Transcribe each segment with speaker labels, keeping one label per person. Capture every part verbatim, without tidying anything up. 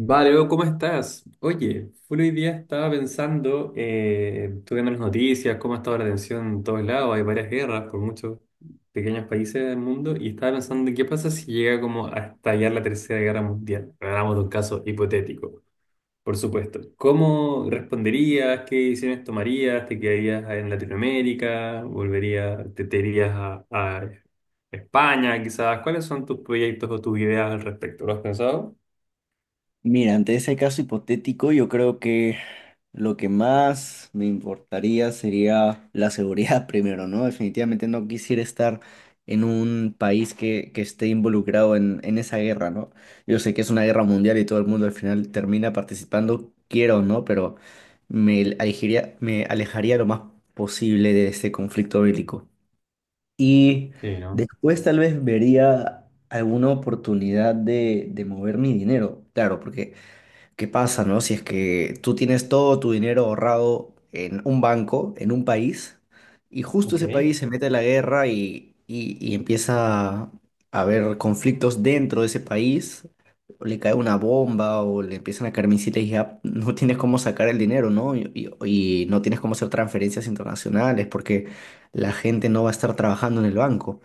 Speaker 1: Vale, Leo, ¿cómo estás? Oye, full hoy día estaba pensando, eh, estuve viendo las noticias, cómo ha estado la tensión en todos lados, hay varias guerras por muchos pequeños países del mundo, y estaba pensando, ¿qué pasa si llega como a estallar la Tercera Guerra Mundial? Hablamos de un caso hipotético, por supuesto. ¿Cómo responderías? ¿Qué decisiones tomarías? ¿Te quedarías en Latinoamérica? ¿Volverías, te, te irías a, a España quizás? ¿Cuáles son tus proyectos o tus ideas al respecto? ¿Lo has pensado?
Speaker 2: Mira, ante ese caso hipotético, yo creo que lo que más me importaría sería la seguridad primero, ¿no? Definitivamente no quisiera estar en un país que, que esté involucrado en, en esa guerra, ¿no? Yo sé que es una guerra mundial y todo el mundo al final termina participando, quiero o no, pero me alejaría, me alejaría lo más posible de este conflicto bélico. Y
Speaker 1: Sí, ¿no?
Speaker 2: después tal vez vería alguna oportunidad de, de mover mi dinero, claro, porque ¿qué pasa, no? Si es que tú tienes todo tu dinero ahorrado en un banco, en un país, y justo
Speaker 1: Ok.
Speaker 2: ese país se mete a la guerra y, y- y empieza a haber conflictos dentro de ese país, o le cae una bomba o le empiezan a caer misiles y ya no tienes cómo sacar el dinero, ¿no? Y, y- y no tienes cómo hacer transferencias internacionales porque la gente no va a estar trabajando en el banco.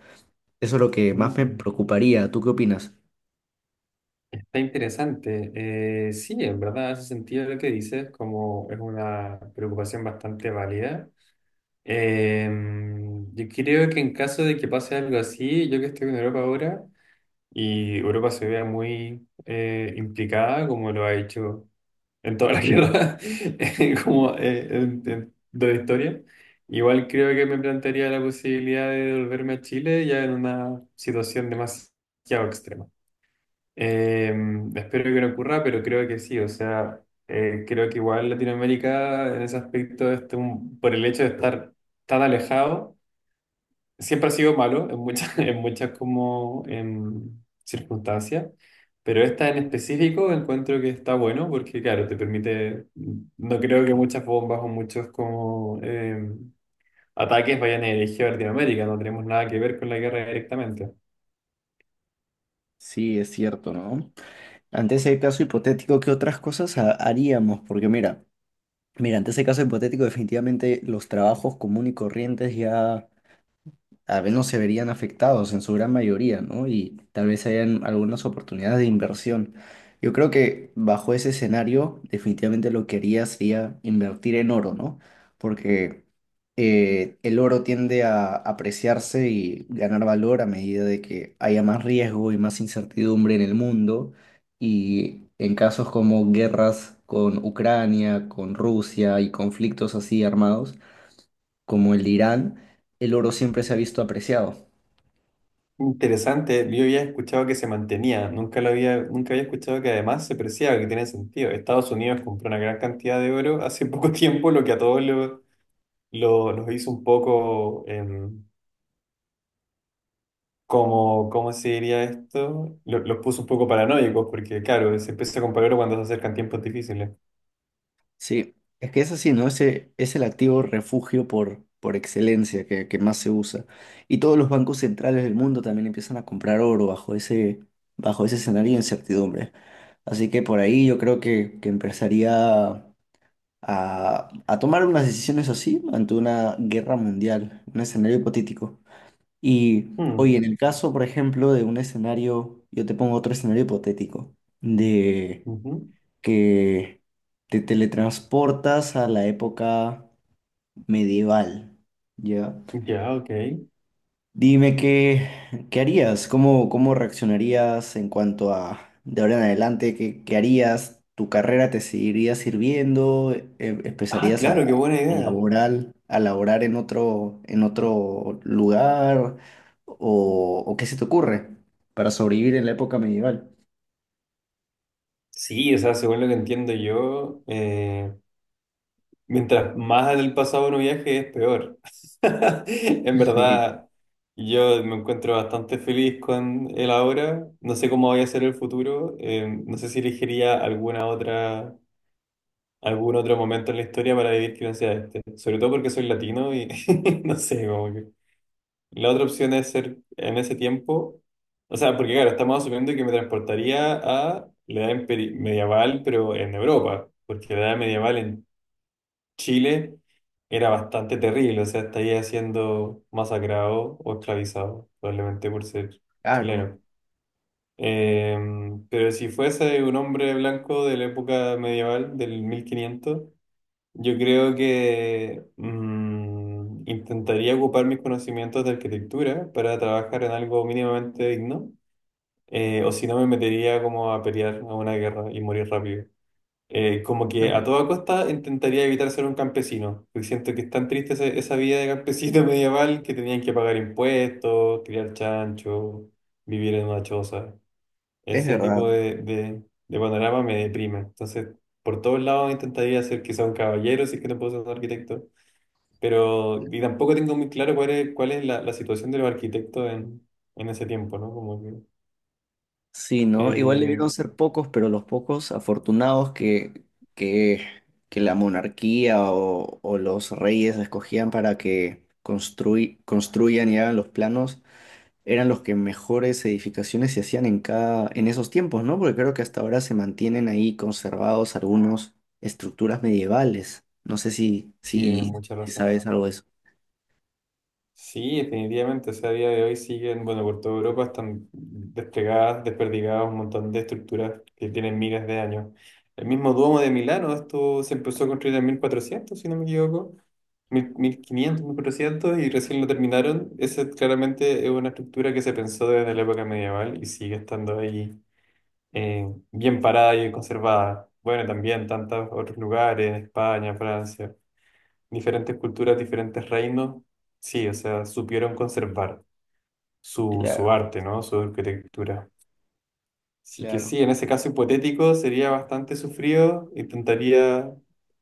Speaker 2: Eso es lo que más me
Speaker 1: Mm,
Speaker 2: preocuparía. ¿Tú qué opinas?
Speaker 1: Está interesante. Eh, sí, en verdad, ese sentido lo que dices como es una preocupación bastante válida. Eh, yo creo que en caso de que pase algo así, yo que estoy en Europa ahora y Europa se vea muy eh, implicada, como lo ha hecho en toda la guerra, eh, como eh, en- en- de la historia, igual creo que me plantearía la posibilidad de volverme a Chile ya en una situación demasiado extrema. Eh, Espero que no ocurra, pero creo que sí. O sea, eh, creo que igual Latinoamérica en ese aspecto, este, un- por el hecho de estar tan alejado, siempre ha sido malo en muchas, en muchas como em, circunstancias. Pero esta en específico encuentro que está bueno porque, claro, te permite, no creo que muchas bombas o muchos como em, ataques vayan dirigidos a Latinoamérica, no tenemos nada que ver con la guerra directamente.
Speaker 2: Sí, es cierto, ¿no? Ante ese caso hipotético, ¿qué otras cosas ha- haríamos? Porque mira, mira, ante ese caso hipotético, definitivamente los trabajos común y corrientes ya al menos se verían afectados en su gran mayoría, ¿no? Y tal vez hayan algunas oportunidades de inversión. Yo creo que bajo ese escenario, definitivamente lo que haría sería invertir en oro, ¿no? Porque eh, el oro tiende a apreciarse y ganar valor a medida de que haya más riesgo y más incertidumbre en el mundo. Y en casos como guerras con Ucrania, con Rusia y conflictos así armados como el de Irán, el oro siempre se ha visto apreciado.
Speaker 1: Interesante, yo había escuchado que se mantenía, nunca lo había, nunca había escuchado que además se preciaba, que tiene sentido. Estados Unidos compró una gran cantidad de oro hace poco tiempo, lo que a todos lo, lo- los hizo un poco, em, como, ¿cómo se diría esto? Lo- los puso un poco paranoicos, porque claro, se empieza a comprar oro cuando se acercan tiempos difíciles.
Speaker 2: Sí, es que es así, ¿no? Ese es el activo refugio por, por excelencia que, que más se usa. Y todos los bancos centrales del mundo también empiezan a comprar oro bajo ese, bajo ese escenario de incertidumbre. Así que por ahí yo creo que, que empezaría a, a tomar unas decisiones así ante una guerra mundial, un escenario hipotético. Y oye,
Speaker 1: Hmm,
Speaker 2: en el caso, por ejemplo, de un escenario, yo te pongo otro escenario hipotético, de
Speaker 1: ujú,
Speaker 2: que te teletransportas a la época medieval, ¿ya?
Speaker 1: Ya, ok.
Speaker 2: Dime qué, qué harías, cómo, cómo reaccionarías en cuanto a de ahora en adelante, qué, qué harías, tu carrera te seguiría sirviendo, ¿E-
Speaker 1: Ah,
Speaker 2: empezarías a,
Speaker 1: claro, qué buena
Speaker 2: a
Speaker 1: idea.
Speaker 2: laborar, a laborar en otro, en otro lugar, o, o qué se te ocurre para sobrevivir en la época medieval.
Speaker 1: Sí, o sea, según lo que entiendo yo, eh, mientras más en el pasado uno viaje, es peor. En
Speaker 2: Sí,
Speaker 1: verdad, yo me encuentro bastante feliz con el ahora. No sé cómo vaya a ser el futuro. Eh, no sé si elegiría alguna otra, algún otro momento en la historia para vivir que no sea este. Sobre todo porque soy latino y no sé, como que. La otra opción es ser en ese tiempo. O sea, porque claro, estamos asumiendo que me transportaría a la edad imperi- medieval, pero en Europa. Porque la edad medieval en Chile era bastante terrible, o sea, estaría siendo masacrado o esclavizado, probablemente por ser
Speaker 2: claro,
Speaker 1: chileno. Eh, pero si fuese un hombre blanco de la época medieval, del mil quinientos, yo creo que mm, intentaría ocupar mis conocimientos de arquitectura para trabajar en algo mínimamente digno, eh, o si no me metería como a pelear a una guerra y morir rápido. Eh, como que a toda costa intentaría evitar ser un campesino, porque siento que es tan triste ese- esa vida de campesino medieval que tenían que pagar impuestos, criar chancho, vivir en una choza.
Speaker 2: es
Speaker 1: Ese tipo
Speaker 2: verdad.
Speaker 1: de, de, de panorama me deprime. Entonces, por todos lados intentaría ser quizá un caballero, si es que no puedo ser un arquitecto, pero y tampoco tengo muy claro cuál es, cuál es la, la situación de los arquitectos en, en ese tiempo, ¿no? Como que,
Speaker 2: Sí, ¿no? Igual
Speaker 1: eh,
Speaker 2: debieron ser pocos, pero los pocos afortunados que, que, que la monarquía o, o los reyes escogían para que construy- construyan y hagan los planos eran los que mejores edificaciones se hacían en cada, en esos tiempos, ¿no? Porque creo que hasta ahora se mantienen ahí conservados algunos estructuras medievales. No sé si,
Speaker 1: sí, tienes
Speaker 2: si,
Speaker 1: mucha
Speaker 2: si
Speaker 1: razón.
Speaker 2: sabes algo de eso.
Speaker 1: Sí, definitivamente, o sea, a día de hoy siguen, bueno, por toda Europa están desplegadas, desperdigadas un montón de estructuras que tienen miles de años. El mismo Duomo de Milano, esto se empezó a construir en mil cuatrocientos, si no me equivoco, mil- 1500, mil cuatrocientos, y recién lo terminaron. Esa claramente es una estructura que se pensó desde la época medieval y sigue estando ahí eh, bien parada y conservada. Bueno, también tantos otros lugares, España, Francia, diferentes culturas, diferentes reinos, sí, o sea, supieron conservar su,
Speaker 2: Claro,
Speaker 1: su arte, ¿no? Su arquitectura. Así que
Speaker 2: claro.
Speaker 1: sí, en ese caso hipotético sería bastante sufrido, intentaría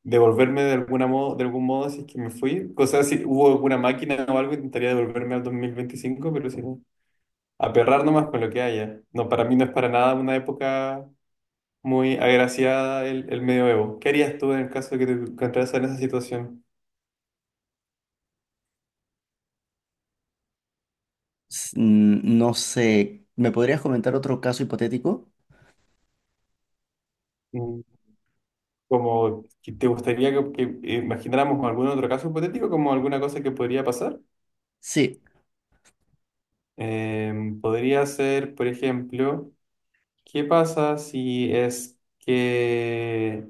Speaker 1: devolverme de alguna modo, de algún modo si es que me fui. O sea, si hubo alguna máquina o algo, intentaría devolverme al dos mil veinticinco, pero si no, aperrar nomás con lo que haya. No, para mí no es para nada una época muy agraciada el, el medioevo. ¿Qué harías tú en el caso de que te encontraras en esa situación?
Speaker 2: S- mm, No sé, ¿me podrías comentar otro caso hipotético?
Speaker 1: Mm. Como, que ¿te gustaría que, que eh, imagináramos algún otro caso hipotético, como alguna cosa que podría pasar?
Speaker 2: Sí.
Speaker 1: Em, podría ser, por ejemplo, ¿qué pasa si es que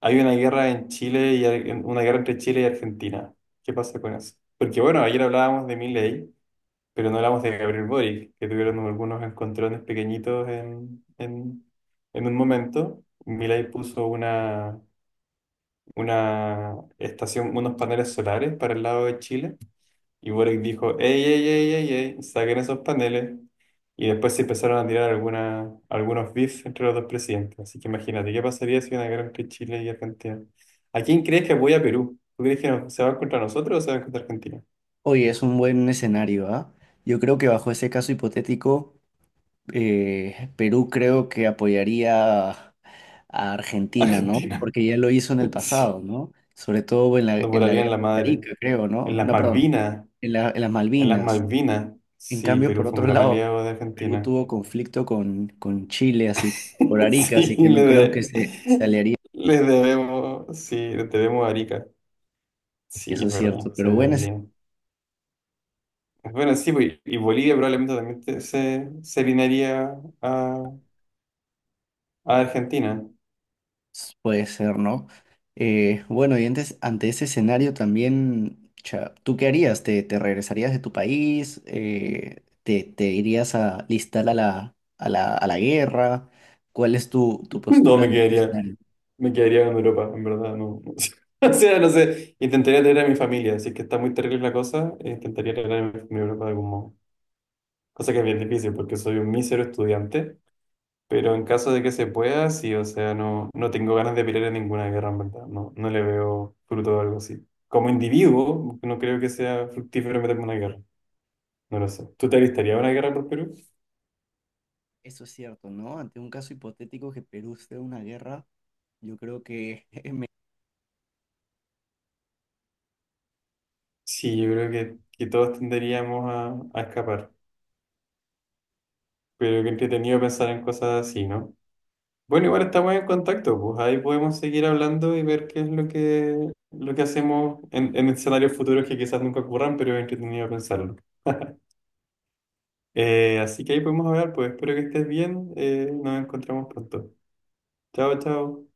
Speaker 1: hay una guerra en Chile y hay- una guerra entre Chile y Argentina? ¿Qué pasa con eso? Porque bueno, ayer hablábamos de Milei, pero no hablamos de Gabriel Boric, que tuvieron algunos encontrones pequeñitos en, en, en un momento. Milei puso una una estación, unos paneles solares para el lado de Chile. Y Boric dijo, ey, ey, ey, ey, ey, saquen esos paneles. Y después se empezaron a tirar alguna, algunos beef entre los dos presidentes. Así que imagínate, ¿qué pasaría si hubiera una guerra entre Chile y Argentina? ¿A quién crees que apoya a Perú? ¿Tú crees que no- se va contra nosotros o se va contra Argentina?
Speaker 2: Oye, es un buen escenario, ¿ah? Yo creo que bajo ese caso hipotético, eh, Perú creo que apoyaría a Argentina, ¿no?
Speaker 1: Argentina.
Speaker 2: Porque ya lo hizo en el
Speaker 1: Sí.
Speaker 2: pasado, ¿no? Sobre todo en la,
Speaker 1: Nos
Speaker 2: en la
Speaker 1: volarían la
Speaker 2: guerra de
Speaker 1: madre.
Speaker 2: Arica, creo,
Speaker 1: En
Speaker 2: ¿no?
Speaker 1: las
Speaker 2: No, perdón,
Speaker 1: Malvinas.
Speaker 2: en la- en las
Speaker 1: En las
Speaker 2: Malvinas.
Speaker 1: Malvinas.
Speaker 2: En
Speaker 1: Sí,
Speaker 2: cambio,
Speaker 1: Perú
Speaker 2: por
Speaker 1: fue un
Speaker 2: otro
Speaker 1: gran
Speaker 2: lado,
Speaker 1: aliado de
Speaker 2: Perú
Speaker 1: Argentina.
Speaker 2: tuvo conflicto con, con Chile, así, que- por Arica,
Speaker 1: Sí,
Speaker 2: así que
Speaker 1: le,
Speaker 2: no creo que
Speaker 1: de-
Speaker 2: se, se aliaría,
Speaker 1: le debemos, sí, le debemos a Arica. Sí,
Speaker 2: eso
Speaker 1: es
Speaker 2: es
Speaker 1: verdad,
Speaker 2: cierto,
Speaker 1: se
Speaker 2: pero bueno.
Speaker 1: debería. Bueno, sí, pues, y Bolivia probablemente también te- se, se alinearía a, a Argentina.
Speaker 2: S- Puede ser, ¿no? Eh, bueno, y antes, ante ese escenario también, cha, ¿tú qué harías? ¿Te, te regresarías de tu país? Eh, ¿te, te irías a listar a la, a la, a la guerra? ¿Cuál es tu, tu
Speaker 1: No,
Speaker 2: postura
Speaker 1: me
Speaker 2: ante este
Speaker 1: quedaría,
Speaker 2: escenario?
Speaker 1: me quedaría en Europa, en verdad, no. No sé. O sea, no sé, intentaría tener a mi familia, así que está muy terrible la cosa, eh, intentaría tener a mi familia en Europa de algún modo. Cosa que es bien difícil porque soy un mísero estudiante. Pero en caso de que se pueda, sí, o sea, no, no tengo ganas de pelear en ninguna guerra, en verdad. No, no le veo fruto a algo así. Como individuo, no creo que sea fructífero meterme en una guerra. No lo sé. ¿Tú te alistarías a una guerra por Perú?
Speaker 2: Eso es cierto, ¿no? Ante un caso hipotético que Perú esté en una guerra, yo creo que
Speaker 1: Sí, yo creo que, que todos tenderíamos a, a escapar. Pero qué entretenido pensar en cosas así, ¿no? Bueno, igual estamos en contacto, pues ahí podemos seguir hablando y ver qué es lo que, lo que hacemos en, en escenarios futuros que quizás nunca ocurran, pero es entretenido pensarlo. Eh, así que ahí podemos hablar, pues espero que estés bien. eh, Nos encontramos pronto. Chao, chao.